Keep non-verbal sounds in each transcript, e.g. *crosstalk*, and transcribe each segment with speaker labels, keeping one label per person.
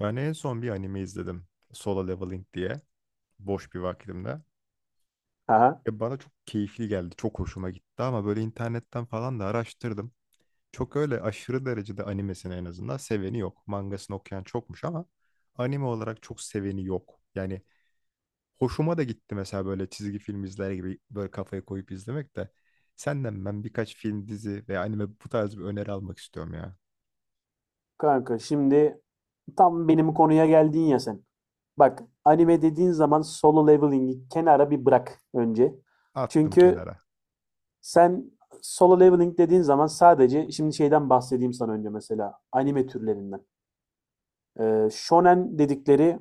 Speaker 1: Ben en son bir anime izledim. Solo Leveling diye. Boş bir vakitimde.
Speaker 2: Aha.
Speaker 1: Bana çok keyifli geldi. Çok hoşuma gitti ama böyle internetten falan da araştırdım. Çok öyle aşırı derecede animesini en azından seveni yok. Mangasını okuyan çokmuş ama anime olarak çok seveni yok. Yani hoşuma da gitti mesela böyle çizgi film izler gibi böyle kafayı koyup izlemek de. Senden ben birkaç film, dizi veya anime bu tarz bir öneri almak istiyorum ya.
Speaker 2: Kanka şimdi tam benim konuya geldin ya sen. Bak anime dediğin zaman Solo Leveling'i kenara bir bırak önce.
Speaker 1: Attım
Speaker 2: Çünkü
Speaker 1: kenara.
Speaker 2: sen Solo Leveling dediğin zaman sadece şimdi şeyden bahsedeyim sana önce, mesela anime türlerinden. Shonen dedikleri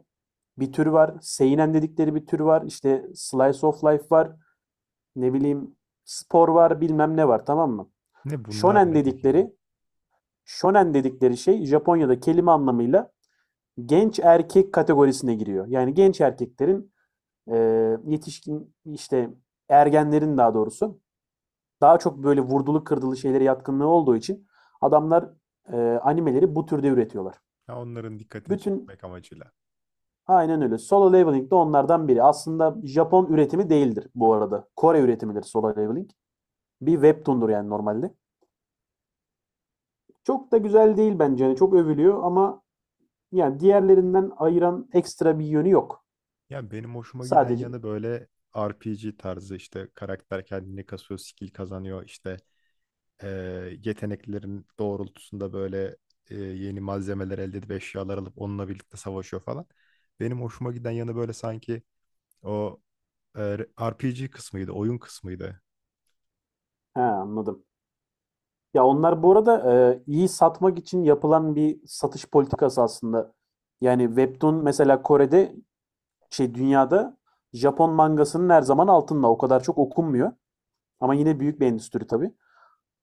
Speaker 2: bir tür var. Seinen dedikleri bir tür var. İşte slice of life var. Ne bileyim, spor var, bilmem ne var, tamam mı?
Speaker 1: Ne bunlar
Speaker 2: Shonen
Speaker 1: ne peki ya?
Speaker 2: dedikleri shonen dedikleri şey Japonya'da kelime anlamıyla genç erkek kategorisine giriyor. Yani genç erkeklerin, e, yetişkin işte, ergenlerin daha doğrusu, daha çok böyle vurdulu kırdılı şeylere yatkınlığı olduğu için adamlar animeleri bu türde üretiyorlar.
Speaker 1: Ya onların dikkatini
Speaker 2: Bütün
Speaker 1: çekmek amacıyla.
Speaker 2: aynen öyle. Solo Leveling de onlardan biri. Aslında Japon üretimi değildir bu arada. Kore üretimidir Solo Leveling. Bir webtoon'dur yani normalde. Çok da güzel değil bence. Yani çok övülüyor ama yani diğerlerinden ayıran ekstra bir yönü yok.
Speaker 1: Yani benim hoşuma giden
Speaker 2: Sadece
Speaker 1: yanı böyle RPG tarzı işte karakter kendini kasıyor, skill kazanıyor. İşte eee, yeteneklerin doğrultusunda böyle yeni malzemeler elde edip eşyalar alıp onunla birlikte savaşıyor falan. Benim hoşuma giden yanı böyle sanki o RPG kısmıydı, oyun kısmıydı.
Speaker 2: he, anladım. Ya onlar bu arada iyi satmak için yapılan bir satış politikası aslında. Yani Webtoon mesela Kore'de, şey, dünyada Japon mangasının her zaman altında. O kadar çok okunmuyor. Ama yine büyük bir endüstri tabii.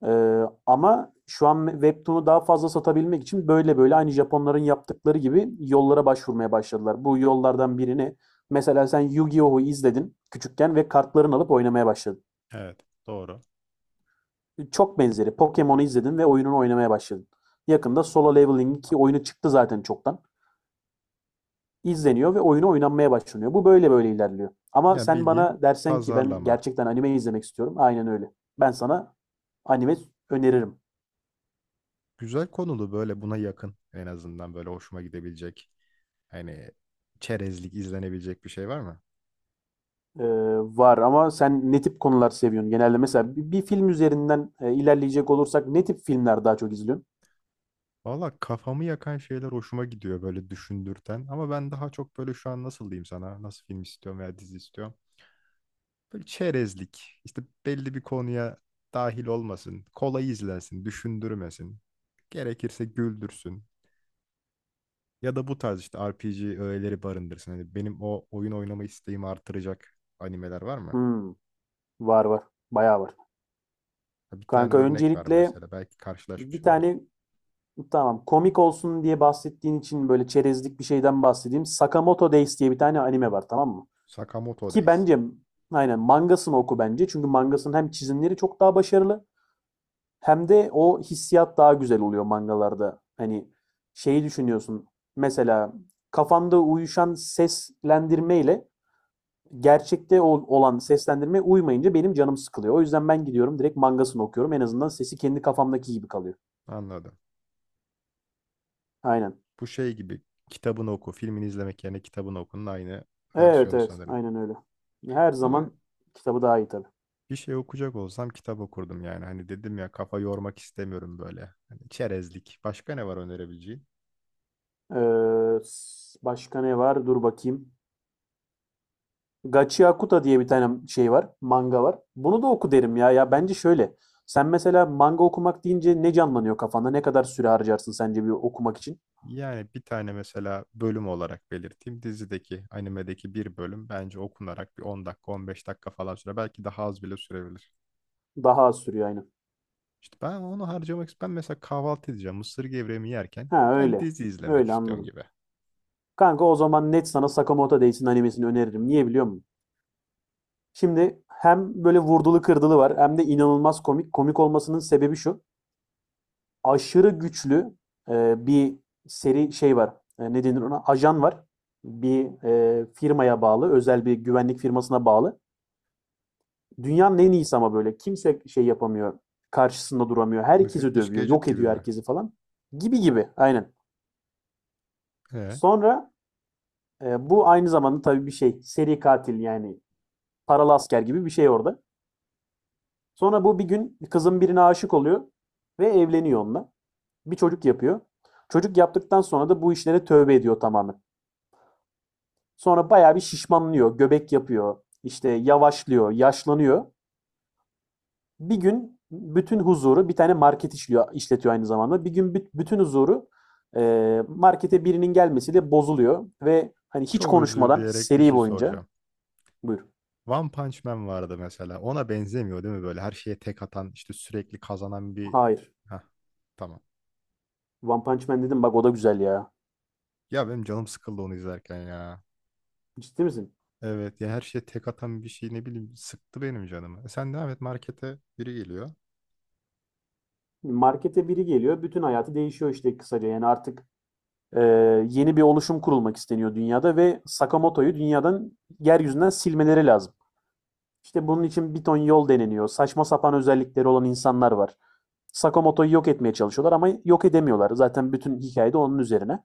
Speaker 2: E, ama şu an Webtoon'u daha fazla satabilmek için böyle böyle aynı Japonların yaptıkları gibi yollara başvurmaya başladılar. Bu yollardan birini mesela, sen Yu-Gi-Oh'u izledin küçükken ve kartlarını alıp oynamaya başladın.
Speaker 1: Evet, doğru.
Speaker 2: Çok benzeri. Pokemon'u izledin ve oyununu oynamaya başladın. Yakında Solo Leveling ki oyunu çıktı zaten çoktan. İzleniyor ve oyunu oynanmaya başlanıyor. Bu böyle böyle ilerliyor. Ama
Speaker 1: Yani
Speaker 2: sen
Speaker 1: bildiğin
Speaker 2: bana dersen ki ben
Speaker 1: pazarlama.
Speaker 2: gerçekten anime izlemek istiyorum. Aynen öyle. Ben sana anime öneririm.
Speaker 1: Güzel konulu böyle buna yakın en azından böyle hoşuma gidebilecek. Hani çerezlik izlenebilecek bir şey var mı?
Speaker 2: Ee, var ama sen ne tip konular seviyorsun genelde? Mesela bir film üzerinden ilerleyecek olursak ne tip filmler daha çok izliyorsun?
Speaker 1: Valla kafamı yakan şeyler hoşuma gidiyor böyle düşündürten. Ama ben daha çok böyle şu an nasıl diyeyim sana, nasıl film istiyorum veya dizi istiyorum. Böyle çerezlik, işte belli bir konuya dahil olmasın, kolay izlensin, düşündürmesin. Gerekirse güldürsün. Ya da bu tarz işte RPG öğeleri barındırsın. Hani benim o oyun oynama isteğimi artıracak animeler var mı?
Speaker 2: Hmm, var var. Bayağı var.
Speaker 1: Ha, bir tane
Speaker 2: Kanka
Speaker 1: örnek ver
Speaker 2: öncelikle
Speaker 1: mesela, belki
Speaker 2: bir
Speaker 1: karşılaşmışsındır.
Speaker 2: tane, tamam. Komik olsun diye bahsettiğin için böyle çerezlik bir şeyden bahsedeyim. Sakamoto Days diye bir tane anime var, tamam mı?
Speaker 1: Sakamoto
Speaker 2: Ki
Speaker 1: Days.
Speaker 2: bence aynen mangasını oku bence. Çünkü mangasının hem çizimleri çok daha başarılı, hem de o hissiyat daha güzel oluyor mangalarda. Hani şeyi düşünüyorsun. Mesela kafanda uyuşan seslendirmeyle gerçekte olan seslendirme uymayınca benim canım sıkılıyor. O yüzden ben gidiyorum direkt mangasını okuyorum. En azından sesi kendi kafamdaki gibi kalıyor.
Speaker 1: Anladım.
Speaker 2: Aynen.
Speaker 1: Bu şey gibi kitabını oku, filmini izlemek yerine kitabını okunun aynı
Speaker 2: Evet,
Speaker 1: versiyonu
Speaker 2: evet.
Speaker 1: sanırım.
Speaker 2: Aynen öyle. Her
Speaker 1: Ama
Speaker 2: zaman kitabı daha iyi tabii.
Speaker 1: bir şey okuyacak olsam kitap okurdum yani. Hani dedim ya kafa yormak istemiyorum böyle. Hani çerezlik. Başka ne var önerebileceğin?
Speaker 2: Başka ne var? Dur bakayım. Gachi Akuta diye bir tane şey var. Manga var. Bunu da oku derim ya. Ya bence şöyle. Sen mesela manga okumak deyince ne canlanıyor kafanda? Ne kadar süre harcarsın sence bir okumak için?
Speaker 1: Yani bir tane mesela bölüm olarak belirteyim. Dizideki, animedeki bir bölüm bence okunarak bir 10 dakika, 15 dakika falan sürer. Belki daha az bile sürebilir.
Speaker 2: Daha az sürüyor aynen.
Speaker 1: İşte ben onu harcamak istiyorum. Ben mesela kahvaltı edeceğim. Mısır gevreğimi yerken
Speaker 2: Ha
Speaker 1: ben
Speaker 2: öyle.
Speaker 1: dizi izlemek
Speaker 2: Öyle
Speaker 1: istiyorum
Speaker 2: anladım.
Speaker 1: gibi.
Speaker 2: Kanka o zaman net sana Sakamoto Days'in animesini öneririm. Niye biliyor musun? Şimdi hem böyle vurdulu kırdılı var, hem de inanılmaz komik. Komik olmasının sebebi şu. Aşırı güçlü bir seri şey var. E, ne denir ona? Ajan var. Bir firmaya bağlı, özel bir güvenlik firmasına bağlı. Dünyanın en iyisi ama böyle. Kimse şey yapamıyor, karşısında duramıyor. Herkesi
Speaker 1: Müfettiş
Speaker 2: dövüyor,
Speaker 1: Gadget
Speaker 2: yok
Speaker 1: gibi
Speaker 2: ediyor
Speaker 1: mi?
Speaker 2: herkesi falan. Gibi gibi, aynen.
Speaker 1: He.
Speaker 2: Sonra bu aynı zamanda tabii bir şey, seri katil yani, paralı asker gibi bir şey orada. Sonra bu bir gün kızın birine aşık oluyor ve evleniyor onunla. Bir çocuk yapıyor. Çocuk yaptıktan sonra da bu işlere tövbe ediyor tamamen. Sonra bayağı bir şişmanlıyor, göbek yapıyor, işte yavaşlıyor, yaşlanıyor. Bir gün bütün huzuru, bir tane market işliyor, işletiyor aynı zamanda. Bir gün bütün huzuru markete birinin gelmesiyle bozuluyor ve hani hiç
Speaker 1: Çok özür
Speaker 2: konuşmadan
Speaker 1: dileyerek bir
Speaker 2: seri
Speaker 1: şey
Speaker 2: boyunca
Speaker 1: soracağım.
Speaker 2: buyur.
Speaker 1: One Punch Man vardı mesela. Ona benzemiyor değil mi böyle? Her şeye tek atan, işte sürekli kazanan bir...
Speaker 2: Hayır.
Speaker 1: Hah, tamam.
Speaker 2: One Punch Man dedim bak, o da güzel ya.
Speaker 1: Ya benim canım sıkıldı onu izlerken ya.
Speaker 2: Ciddi misin?
Speaker 1: Evet ya, her şeye tek atan bir şey ne bileyim sıktı benim canımı. E sen devam et, markete biri geliyor.
Speaker 2: Markete biri geliyor, bütün hayatı değişiyor işte kısaca. Yani artık e, yeni bir oluşum kurulmak isteniyor dünyada ve Sakamoto'yu dünyadan, yeryüzünden silmeleri lazım. İşte bunun için bir ton yol deneniyor. Saçma sapan özellikleri olan insanlar var. Sakamoto'yu yok etmeye çalışıyorlar ama yok edemiyorlar. Zaten bütün hikayede onun üzerine.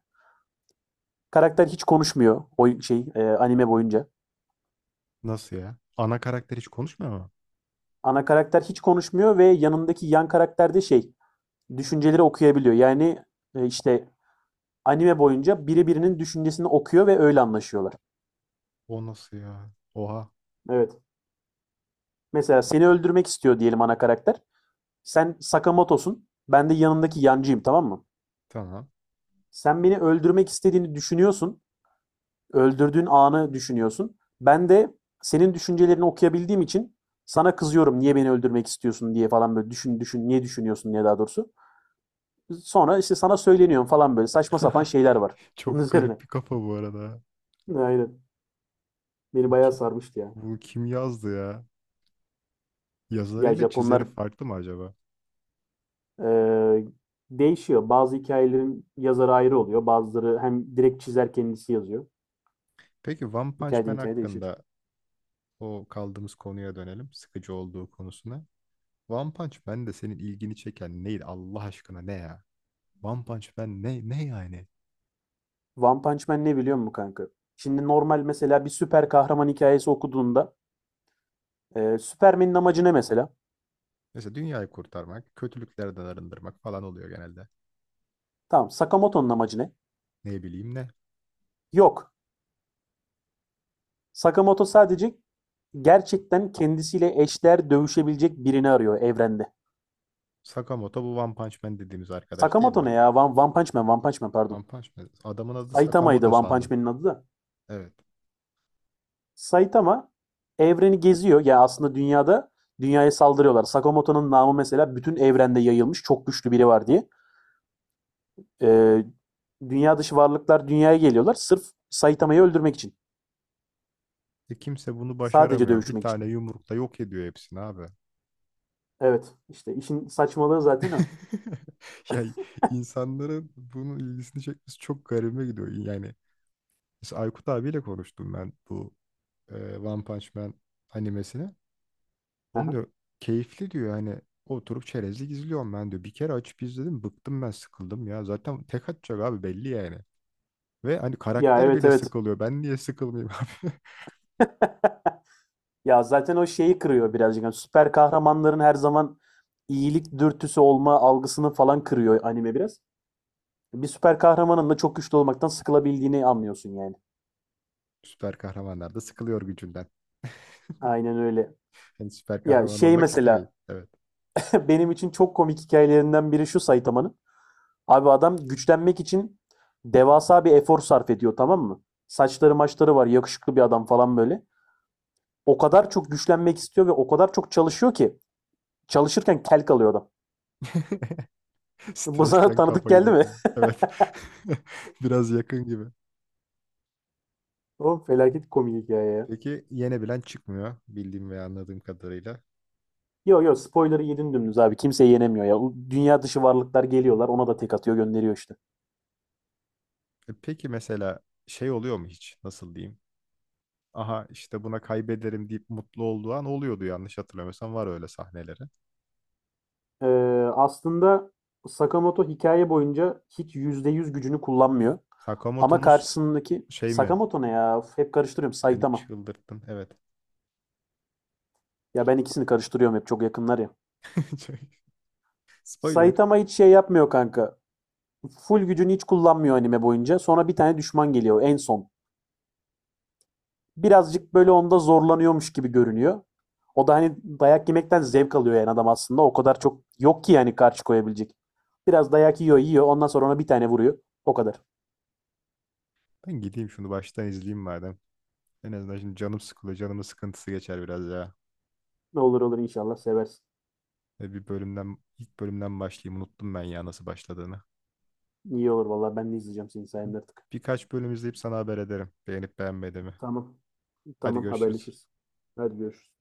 Speaker 2: Karakter hiç konuşmuyor o şey anime boyunca.
Speaker 1: Nasıl ya? Ana karakter hiç konuşmuyor mu?
Speaker 2: Ana karakter hiç konuşmuyor ve yanındaki yan karakter de şey, düşünceleri okuyabiliyor. Yani işte anime boyunca biri birinin düşüncesini okuyor ve öyle anlaşıyorlar.
Speaker 1: O nasıl ya? Oha.
Speaker 2: Evet. Mesela seni öldürmek istiyor diyelim ana karakter. Sen Sakamoto'sun. Ben de yanındaki yancıyım, tamam mı?
Speaker 1: Tamam.
Speaker 2: Sen beni öldürmek istediğini düşünüyorsun. Öldürdüğün anı düşünüyorsun. Ben de senin düşüncelerini okuyabildiğim için sana kızıyorum, niye beni öldürmek istiyorsun diye falan, böyle düşün düşün niye düşünüyorsun diye, daha doğrusu. Sonra işte sana söyleniyorum falan, böyle saçma sapan
Speaker 1: *laughs*
Speaker 2: şeyler var *laughs* bunun
Speaker 1: Çok
Speaker 2: üzerine.
Speaker 1: garip bir kafa bu arada.
Speaker 2: Aynen. Beni
Speaker 1: Bu,
Speaker 2: bayağı
Speaker 1: ki-
Speaker 2: sarmıştı ya.
Speaker 1: Bu kim yazdı ya?
Speaker 2: Ya
Speaker 1: Yazarıyla
Speaker 2: Japonlar,
Speaker 1: çizeri farklı mı acaba?
Speaker 2: eee, değişiyor. Bazı hikayelerin yazarı ayrı oluyor. Bazıları hem direkt çizer kendisi yazıyor.
Speaker 1: Peki One Punch
Speaker 2: Hikayeden
Speaker 1: Man
Speaker 2: hikaye değişir.
Speaker 1: hakkında o kaldığımız konuya dönelim. Sıkıcı olduğu konusuna. One Punch Man de senin ilgini çeken neydi Allah aşkına ne ya? One Punch Man ne yani?
Speaker 2: One Punch Man ne biliyor musun kanka? Şimdi normal mesela bir süper kahraman hikayesi okuduğunda, Superman'in amacı ne mesela?
Speaker 1: Mesela dünyayı kurtarmak, kötülüklerden arındırmak falan oluyor genelde.
Speaker 2: Tamam. Sakamoto'nun amacı ne?
Speaker 1: Ne bileyim ne.
Speaker 2: Yok. Sakamoto sadece gerçekten kendisiyle eşler dövüşebilecek birini arıyor evrende.
Speaker 1: Sakamoto bu One Punch Man dediğimiz arkadaş değil
Speaker 2: Sakamoto
Speaker 1: mi?
Speaker 2: ne ya? One Punch Man, One Punch Man,
Speaker 1: One
Speaker 2: pardon.
Speaker 1: Punch Man. Adamın adı
Speaker 2: Saitama'ydı
Speaker 1: Sakamoto
Speaker 2: One Punch
Speaker 1: sandım.
Speaker 2: Man'in adı da.
Speaker 1: Evet.
Speaker 2: Saitama evreni geziyor. Ya aslında dünyaya saldırıyorlar. Sakamoto'nun namı mesela bütün evrende yayılmış. Çok güçlü biri var diye. Ee, Dünya dışı varlıklar dünyaya geliyorlar. Sırf Saitama'yı öldürmek için.
Speaker 1: E kimse bunu
Speaker 2: Sadece
Speaker 1: başaramıyor. Bir
Speaker 2: dövüşmek için.
Speaker 1: tane yumrukla yok ediyor hepsini abi.
Speaker 2: Evet. İşte işin saçmalığı zaten o.
Speaker 1: *laughs* Yani insanların bunun ilgisini çekmesi çok garibime gidiyor. Yani mesela Aykut abiyle konuştum ben bu One Punch Man animesini. Onun
Speaker 2: Hı.
Speaker 1: diyor keyifli diyor hani oturup çerezlik izliyorum ben diyor. Bir kere açıp izledim bıktım ben sıkıldım ya. Zaten tek atacak abi belli yani. Ve hani
Speaker 2: Ya
Speaker 1: karakter
Speaker 2: evet,
Speaker 1: bile
Speaker 2: evet.
Speaker 1: sıkılıyor. Ben niye sıkılmayayım abi? *laughs*
Speaker 2: *laughs* Ya zaten o şeyi kırıyor birazcık. Yani süper kahramanların her zaman iyilik dürtüsü olma algısını falan kırıyor anime biraz. Bir süper kahramanın da çok güçlü olmaktan sıkılabildiğini anlıyorsun yani.
Speaker 1: Süper kahramanlar da sıkılıyor gücünden. *laughs*
Speaker 2: Aynen öyle.
Speaker 1: Yani süper
Speaker 2: Ya
Speaker 1: kahraman
Speaker 2: şey
Speaker 1: olmak
Speaker 2: mesela,
Speaker 1: istemeyin. Evet.
Speaker 2: *laughs* benim için çok komik hikayelerinden biri şu Saitama'nın. Abi adam güçlenmek için devasa bir efor sarf ediyor, tamam mı? Saçları maçları var, yakışıklı bir adam falan böyle. O kadar çok güçlenmek istiyor ve o kadar çok çalışıyor ki çalışırken kel kalıyor adam.
Speaker 1: *laughs*
Speaker 2: Bu sana
Speaker 1: Stresten
Speaker 2: tanıdık
Speaker 1: kafayı
Speaker 2: geldi mi?
Speaker 1: döküyor. Evet. *laughs* Biraz yakın gibi.
Speaker 2: *laughs* Oğlum felaket komik hikaye ya.
Speaker 1: Peki yenebilen çıkmıyor bildiğim ve anladığım kadarıyla.
Speaker 2: Yo yo, spoiler'ı yedin dümdüz abi. Kimse yenemiyor ya. Dünya dışı varlıklar geliyorlar. Ona da tek atıyor gönderiyor işte.
Speaker 1: E peki mesela şey oluyor mu hiç? Nasıl diyeyim? Aha işte buna kaybederim deyip mutlu olduğu an oluyordu, yanlış hatırlamıyorsam var öyle sahneleri.
Speaker 2: Ee, Aslında Sakamoto hikaye boyunca hiç %100 gücünü kullanmıyor. Ama
Speaker 1: Sakamoto'muz
Speaker 2: karşısındaki,
Speaker 1: şey mi?
Speaker 2: Sakamoto ne ya? Hep karıştırıyorum.
Speaker 1: Beni
Speaker 2: Saitama.
Speaker 1: çıldırttın. Evet.
Speaker 2: Ya ben ikisini karıştırıyorum hep, çok yakınlar ya.
Speaker 1: *laughs* Çok- Spoiler.
Speaker 2: Saitama hiç şey yapmıyor kanka. Full gücünü hiç kullanmıyor anime boyunca. Sonra bir tane düşman geliyor en son. Birazcık böyle onda zorlanıyormuş gibi görünüyor. O da hani dayak yemekten zevk alıyor yani adam aslında. O kadar çok yok ki yani karşı koyabilecek. Biraz dayak yiyor, yiyor. Ondan sonra ona bir tane vuruyor. O kadar.
Speaker 1: Ben gideyim şunu baştan izleyeyim madem. En azından şimdi canım sıkılıyor. Canımın sıkıntısı geçer biraz ya.
Speaker 2: Olur olur, inşallah seversin.
Speaker 1: E bir bölümden, ilk bölümden başlayayım. Unuttum ben ya nasıl başladığını.
Speaker 2: İyi olur vallahi, ben de izleyeceğim senin sayende artık.
Speaker 1: Birkaç bölüm izleyip sana haber ederim. Beğenip beğenmediğimi.
Speaker 2: Tamam.
Speaker 1: Hadi
Speaker 2: Tamam,
Speaker 1: görüşürüz.
Speaker 2: haberleşiriz. Hadi görüşürüz.